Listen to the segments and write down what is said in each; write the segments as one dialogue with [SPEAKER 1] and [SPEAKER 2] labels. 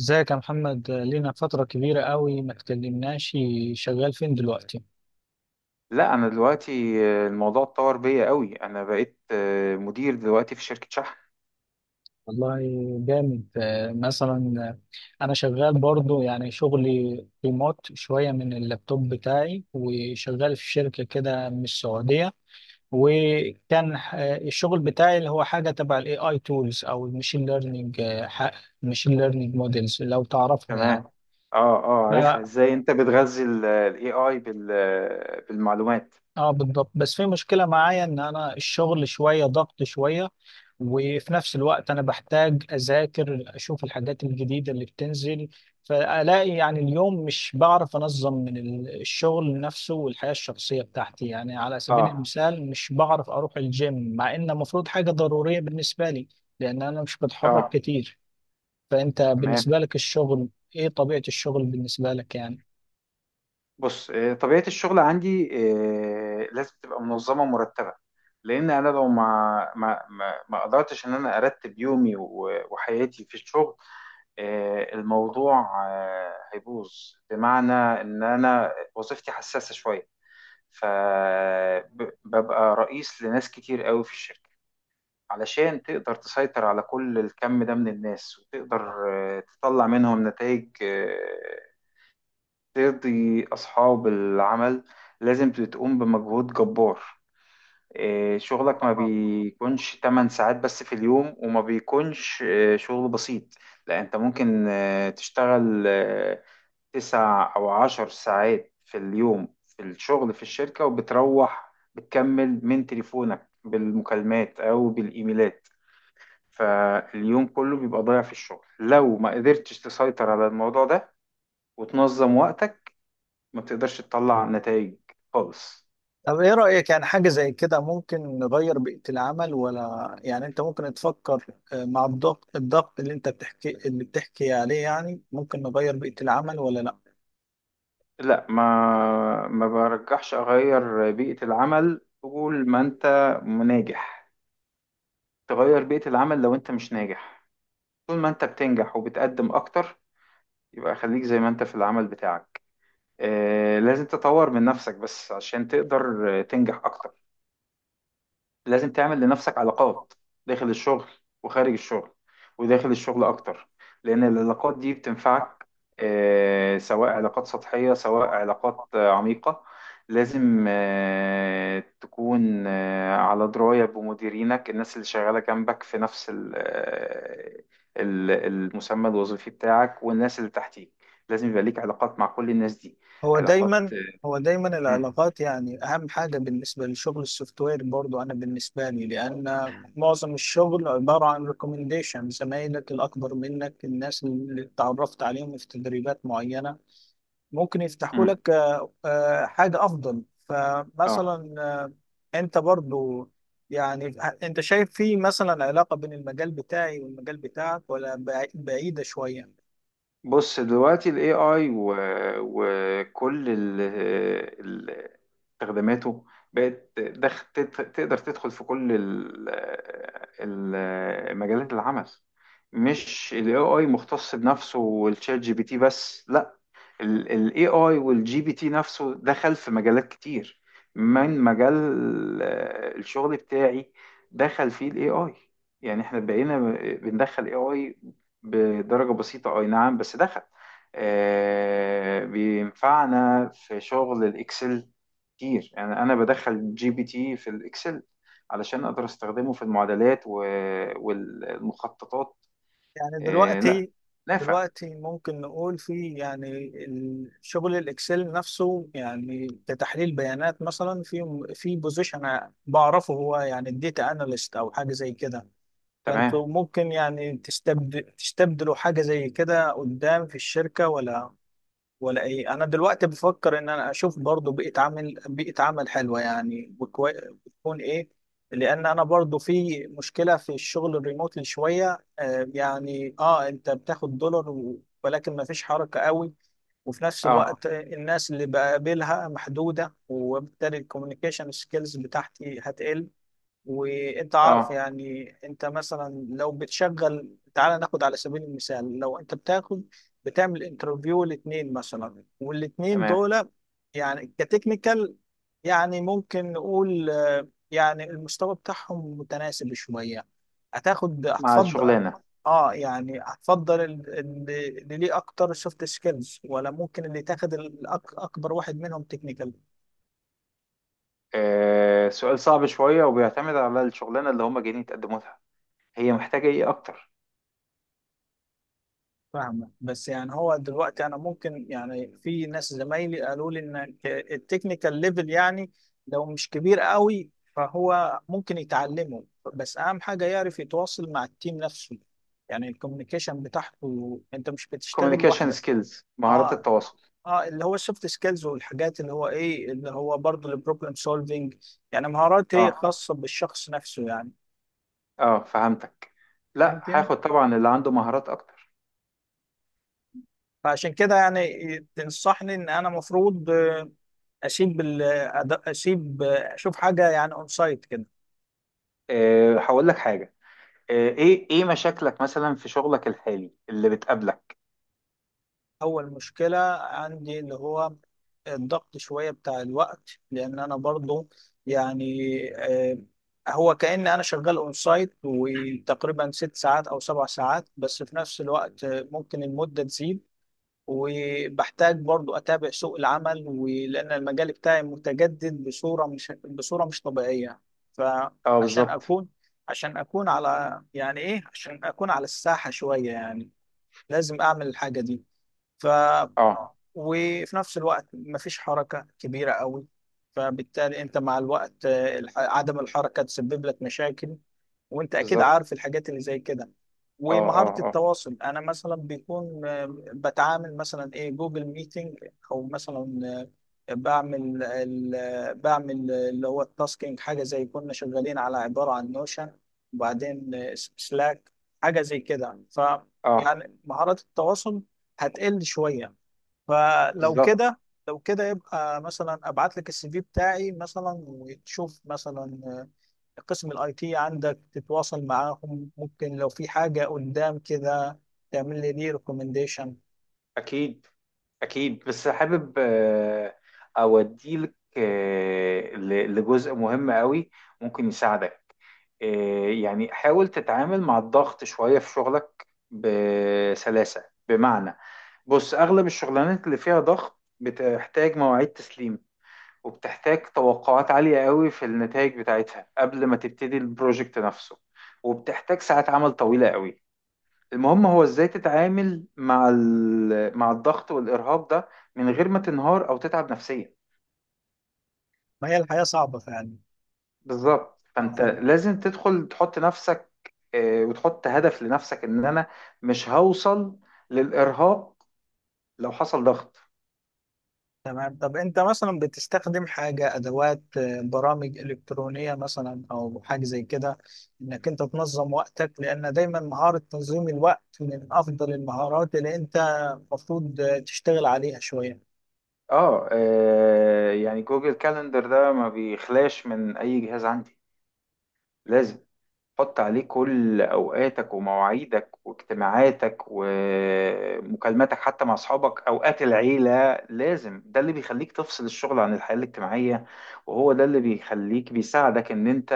[SPEAKER 1] ازيك يا محمد، لينا فترة كبيرة قوي ما اتكلمناش. شغال فين دلوقتي؟
[SPEAKER 2] لا، انا دلوقتي الموضوع اتطور بيا قوي. انا بقيت مدير دلوقتي في شركة شحن.
[SPEAKER 1] والله جامد. مثلا انا شغال برضو، يعني شغلي ريموت شوية من اللابتوب بتاعي، وشغال في شركة كده من السعودية. وكان الشغل بتاعي اللي هو حاجة تبع الاي اي تولز او المشين ليرنينج. المشين ليرنينج موديلز لو تعرفها يعني.
[SPEAKER 2] تمام. اه عارفها، ازاي انت بتغذي الاي اي بالمعلومات.
[SPEAKER 1] اه بالضبط. بس في مشكلة معايا ان انا الشغل شوية ضغط شوية، وفي نفس الوقت انا بحتاج اذاكر، اشوف الحاجات الجديدة اللي بتنزل. فالاقي يعني اليوم مش بعرف انظم من الشغل نفسه والحياة الشخصية بتاعتي. يعني على سبيل
[SPEAKER 2] اه
[SPEAKER 1] المثال مش بعرف اروح الجيم، مع ان المفروض حاجة ضرورية بالنسبة لي، لان انا مش بتحرك
[SPEAKER 2] اه.
[SPEAKER 1] كتير. فانت
[SPEAKER 2] تمام.
[SPEAKER 1] بالنسبة لك الشغل، ايه طبيعة الشغل بالنسبة لك يعني؟
[SPEAKER 2] بص، طبيعة الشغل عندي لازم تبقى منظمة ومرتبة، لان انا لو ما قدرتش ان انا ارتب يومي وحياتي في الشغل، الموضوع هيبوظ. بمعنى ان انا وظيفتي حساسة شوية، فببقى رئيس لناس كتير قوي في الشركة. علشان تقدر تسيطر على كل الكم ده من الناس وتقدر تطلع منهم نتائج ترضي أصحاب العمل، لازم تقوم بمجهود جبار. إيه، شغلك ما بيكونش 8 ساعات بس في اليوم، وما بيكونش إيه، شغل بسيط. لا، انت ممكن تشتغل تسع او عشر ساعات في اليوم في الشغل في الشركة، وبتروح بتكمل من تليفونك بالمكالمات او بالايميلات. فاليوم كله بيبقى ضايع في الشغل لو ما قدرتش تسيطر على الموضوع ده وتنظم وقتك. ما بتقدرش تطلع نتائج خالص.
[SPEAKER 1] طب ايه رأيك، يعني حاجة زي كده ممكن نغير بيئة العمل، ولا يعني انت ممكن تفكر مع الضغط اللي انت بتحكي اللي بتحكي عليه، يعني ممكن نغير بيئة العمل ولا لا؟
[SPEAKER 2] لا، ما برجحش اغير بيئة العمل طول ما انت ناجح. تغير بيئة العمل لو انت مش ناجح. طول ما انت بتنجح وبتقدم اكتر، يبقى خليك زي ما انت في العمل بتاعك. آه، لازم تطور من نفسك بس عشان تقدر تنجح اكتر. لازم تعمل لنفسك علاقات داخل الشغل وخارج الشغل، وداخل الشغل أكتر، لأن العلاقات دي بتنفعك. سواء علاقات سطحية سواء علاقات عميقة. لازم تكون على دراية بمديرينك، الناس اللي شغالة جنبك في نفس المسمى الوظيفي بتاعك، والناس اللي تحتيك. لازم يبقى ليك علاقات مع كل الناس دي.
[SPEAKER 1] هو
[SPEAKER 2] علاقات.
[SPEAKER 1] دايما هو دايما
[SPEAKER 2] مم.
[SPEAKER 1] العلاقات، يعني اهم حاجة بالنسبة للشغل السوفت وير. برضو انا بالنسبة لي، لان معظم الشغل عبارة عن ريكومنديشن، زمايلك الاكبر منك، الناس اللي اتعرفت عليهم في تدريبات معينة ممكن يفتحوا
[SPEAKER 2] مم.
[SPEAKER 1] لك حاجة أفضل.
[SPEAKER 2] اه،
[SPEAKER 1] فمثلا أنت برضو، يعني أنت شايف في مثلا علاقة بين المجال بتاعي والمجال بتاعك، ولا بعيدة شوية؟
[SPEAKER 2] بص دلوقتي ال AI وكل ال- استخداماته تقدر تدخل في كل مجالات العمل. مش ال AI مختص بنفسه والشات جي بي تي بس، لا، ال AI وال GPT نفسه دخل في مجالات كتير. من مجال الشغل بتاعي دخل فيه ال AI. يعني احنا بقينا بندخل AI بدرجة بسيطة، أي نعم بس دخل. بينفعنا في شغل الإكسل كتير. يعني أنا بدخل جي بي تي في الإكسل علشان أقدر أستخدمه في المعادلات والمخططات.
[SPEAKER 1] يعني
[SPEAKER 2] آه، لا،
[SPEAKER 1] دلوقتي
[SPEAKER 2] نافع.
[SPEAKER 1] دلوقتي ممكن نقول في يعني شغل الإكسل نفسه، يعني كتحليل بيانات مثلا، في بوزيشن بعرفه هو، يعني الديتا أناليست أو حاجة زي كده.
[SPEAKER 2] تمام.
[SPEAKER 1] فانتوا ممكن يعني تستبدلوا حاجة زي كده قدام في الشركة، ولا ايه؟ انا دلوقتي بفكر ان انا اشوف برضو بيئة عمل، بيئة عمل حلوة، يعني بتكون ايه؟ لان انا برضو في مشكلة في الشغل الريموتلي شوية، يعني اه انت بتاخد دولار ولكن ما فيش حركة قوي. وفي نفس
[SPEAKER 2] أه
[SPEAKER 1] الوقت الناس اللي بقابلها محدودة، وبالتالي الكوميونيكيشن سكيلز بتاعتي هتقل. وانت عارف
[SPEAKER 2] أه.
[SPEAKER 1] يعني، انت مثلا لو بتشغل، تعال ناخد على سبيل المثال، لو انت بتاخد بتعمل انترفيو الاثنين مثلا، والاثنين
[SPEAKER 2] تمام.
[SPEAKER 1] دول يعني كتكنيكال، يعني ممكن نقول يعني المستوى بتاعهم متناسب شوية، هتاخد،
[SPEAKER 2] مع
[SPEAKER 1] هتفضل
[SPEAKER 2] الشغلانة.
[SPEAKER 1] اه يعني، هتفضل اللي ليه اكتر سوفت سكيلز، ولا ممكن اللي تاخد اكبر واحد منهم تكنيكال؟
[SPEAKER 2] سؤال صعب شوية وبيعتمد على الشغلانة اللي هما جايين يتقدموا لها. هي محتاجة إيه أكتر؟
[SPEAKER 1] فاهمة. بس يعني هو دلوقتي انا ممكن يعني، في ناس زمايلي قالوا لي ان التكنيكال ليفل، يعني لو مش كبير قوي فهو ممكن يتعلمه. بس اهم حاجة يعرف يتواصل مع التيم نفسه، يعني الكوميونيكيشن بتاعته. انت مش بتشتغل
[SPEAKER 2] communication
[SPEAKER 1] لوحدك.
[SPEAKER 2] skills، مهارات
[SPEAKER 1] اه
[SPEAKER 2] التواصل.
[SPEAKER 1] اه اللي هو السوفت سكيلز والحاجات، اللي هو ايه اللي هو برضه البروبلم سولفينج، يعني مهارات هي
[SPEAKER 2] أه.
[SPEAKER 1] خاصة بالشخص نفسه يعني.
[SPEAKER 2] اه، فهمتك. لا،
[SPEAKER 1] فهمتني؟
[SPEAKER 2] هاخد طبعا اللي عنده مهارات اكتر.
[SPEAKER 1] فعشان كده يعني تنصحني ان انا مفروض اشيب ال- أد- اشيب اشوف حاجه يعني اون سايت كده.
[SPEAKER 2] أه، هقول لك حاجه. أه، ايه مشاكلك مثلا في شغلك الحالي اللي بتقابلك؟
[SPEAKER 1] اول مشكله عندي، اللي هو الضغط شويه بتاع الوقت، لان انا برضو يعني آه، هو كأن انا شغال اون سايت، وتقريبا 6 ساعات او 7 ساعات، بس في نفس الوقت ممكن المده تزيد. وبحتاج برضو اتابع سوق العمل، ولان المجال بتاعي متجدد بصوره مش طبيعيه.
[SPEAKER 2] اه،
[SPEAKER 1] فعشان
[SPEAKER 2] بالظبط.
[SPEAKER 1] اكون عشان اكون على يعني ايه عشان اكون على الساحه شويه يعني، لازم اعمل الحاجه دي. ف آه،
[SPEAKER 2] اه،
[SPEAKER 1] وفي نفس الوقت مفيش حركه كبيره قوي. فبالتالي انت مع الوقت، عدم الحركه تسبب لك مشاكل، وانت اكيد
[SPEAKER 2] بالظبط.
[SPEAKER 1] عارف الحاجات اللي زي كده.
[SPEAKER 2] اه اه
[SPEAKER 1] ومهارة
[SPEAKER 2] اه
[SPEAKER 1] التواصل انا مثلا بيكون بتعامل مثلا، ايه، جوجل ميتنج، او مثلا بعمل ال- آه، بعمل اللي هو التاسكينج، حاجة زي كنا شغالين على عبارة عن نوشن، وبعدين سلاك، حاجة زي كده. ف
[SPEAKER 2] اه،
[SPEAKER 1] يعني مهارات التواصل هتقل شوية. فلو
[SPEAKER 2] بالظبط.
[SPEAKER 1] كده، لو كده يبقى مثلا ابعت لك السي في بتاعي مثلا، وتشوف مثلا قسم الاي تي عندك، تتواصل معاهم، ممكن لو في حاجة قدام كده تعمل لي دي ريكومنديشن.
[SPEAKER 2] اكيد. اكيد، بس حابب أه اوديلك أه لجزء مهم قوي ممكن يساعدك. إيه، يعني حاول تتعامل مع الضغط شوية في شغلك بسلاسة. بمعنى، بص أغلب الشغلانات اللي فيها ضغط بتحتاج مواعيد تسليم، وبتحتاج توقعات عالية قوي في النتائج بتاعتها قبل ما تبتدي البروجكت نفسه، وبتحتاج ساعات عمل طويلة قوي. المهم هو ازاي تتعامل مع مع الضغط والإرهاق ده من غير ما تنهار أو تتعب نفسيا.
[SPEAKER 1] ما هي الحياة صعبة فعلا.
[SPEAKER 2] بالظبط،
[SPEAKER 1] اه،
[SPEAKER 2] فانت
[SPEAKER 1] فاهم.
[SPEAKER 2] لازم تدخل تحط نفسك، وتحط هدف لنفسك ان انا مش هوصل للارهاق لو حصل ضغط.
[SPEAKER 1] تمام. طب انت مثلا بتستخدم حاجة، ادوات برامج الكترونية مثلا او حاجة زي كده، انك انت تنظم وقتك؟ لان دايما مهارة تنظيم الوقت من افضل المهارات اللي انت المفروض تشتغل عليها شوية.
[SPEAKER 2] اه، يعني جوجل كالندر ده ما بيخلاش من اي جهاز عندي. لازم تحط عليه كل اوقاتك ومواعيدك واجتماعاتك ومكالماتك، حتى مع اصحابك اوقات العيله. لازم، ده اللي بيخليك تفصل الشغل عن الحياه الاجتماعيه. وهو ده اللي بيخليك بيساعدك ان انت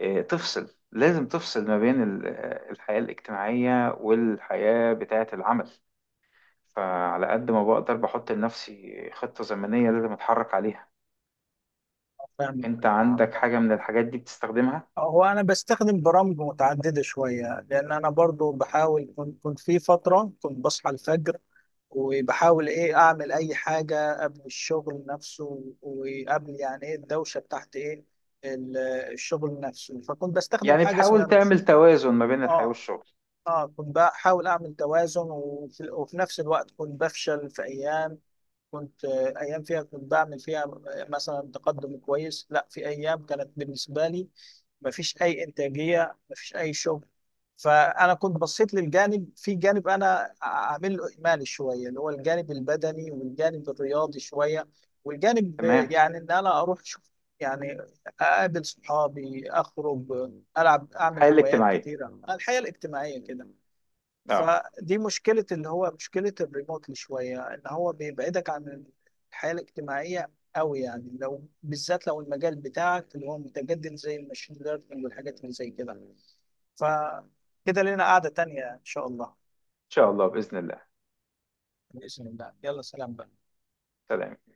[SPEAKER 2] تفصل ما بين الحياة الاجتماعية والحياة بتاعة العمل. فعلى قد ما بقدر بحط لنفسي خطة زمنية لازم أتحرك عليها.
[SPEAKER 1] آه،
[SPEAKER 2] أنت
[SPEAKER 1] فاهم.
[SPEAKER 2] عندك حاجة من الحاجات دي بتستخدمها؟
[SPEAKER 1] هو انا بستخدم برامج متعدده شويه، لان انا برضو بحاول. كنت في فتره كنت بصحى الفجر، وبحاول ايه اعمل اي حاجه قبل الشغل نفسه، وقبل يعني ايه الدوشه بتاعت ايه ال- الشغل نفسه. فكنت بستخدم
[SPEAKER 2] يعني
[SPEAKER 1] حاجه
[SPEAKER 2] بتحاول
[SPEAKER 1] اسمها نوشن.
[SPEAKER 2] تعمل توازن ما بين الحياة
[SPEAKER 1] اه.
[SPEAKER 2] والشغل.
[SPEAKER 1] اه كنت بحاول اعمل توازن، وفي نفس الوقت كنت بفشل في ايام. كنت ايام فيها كنت بعمل فيها مثلا تقدم كويس، لا، في ايام كانت بالنسبه لي مفيش اي انتاجيه، مفيش اي شغل. فانا كنت بصيت للجانب، في جانب انا عامل له اهمال شويه، اللي هو الجانب البدني والجانب الرياضي شويه، والجانب
[SPEAKER 2] تمام.
[SPEAKER 1] يعني ان انا اروح اشوف، يعني اقابل صحابي، اخرج، العب،
[SPEAKER 2] الحياة
[SPEAKER 1] اعمل هوايات
[SPEAKER 2] الاجتماعية.
[SPEAKER 1] كتيره، الحياه الاجتماعيه كده.
[SPEAKER 2] اه.
[SPEAKER 1] فدي مشكلة، اللي هو مشكلة الريموتلي شوية، ان هو بيبعدك عن الحياة الاجتماعية قوي يعني. لو بالذات لو المجال بتاعك اللي هو متجدد زي الماشين ليرنينج والحاجات اللي زي كده. فكده لنا قعدة تانية ان شاء الله.
[SPEAKER 2] إن شاء الله، بإذن الله.
[SPEAKER 1] بإذن الله، يلا سلام بقى.
[SPEAKER 2] سلام.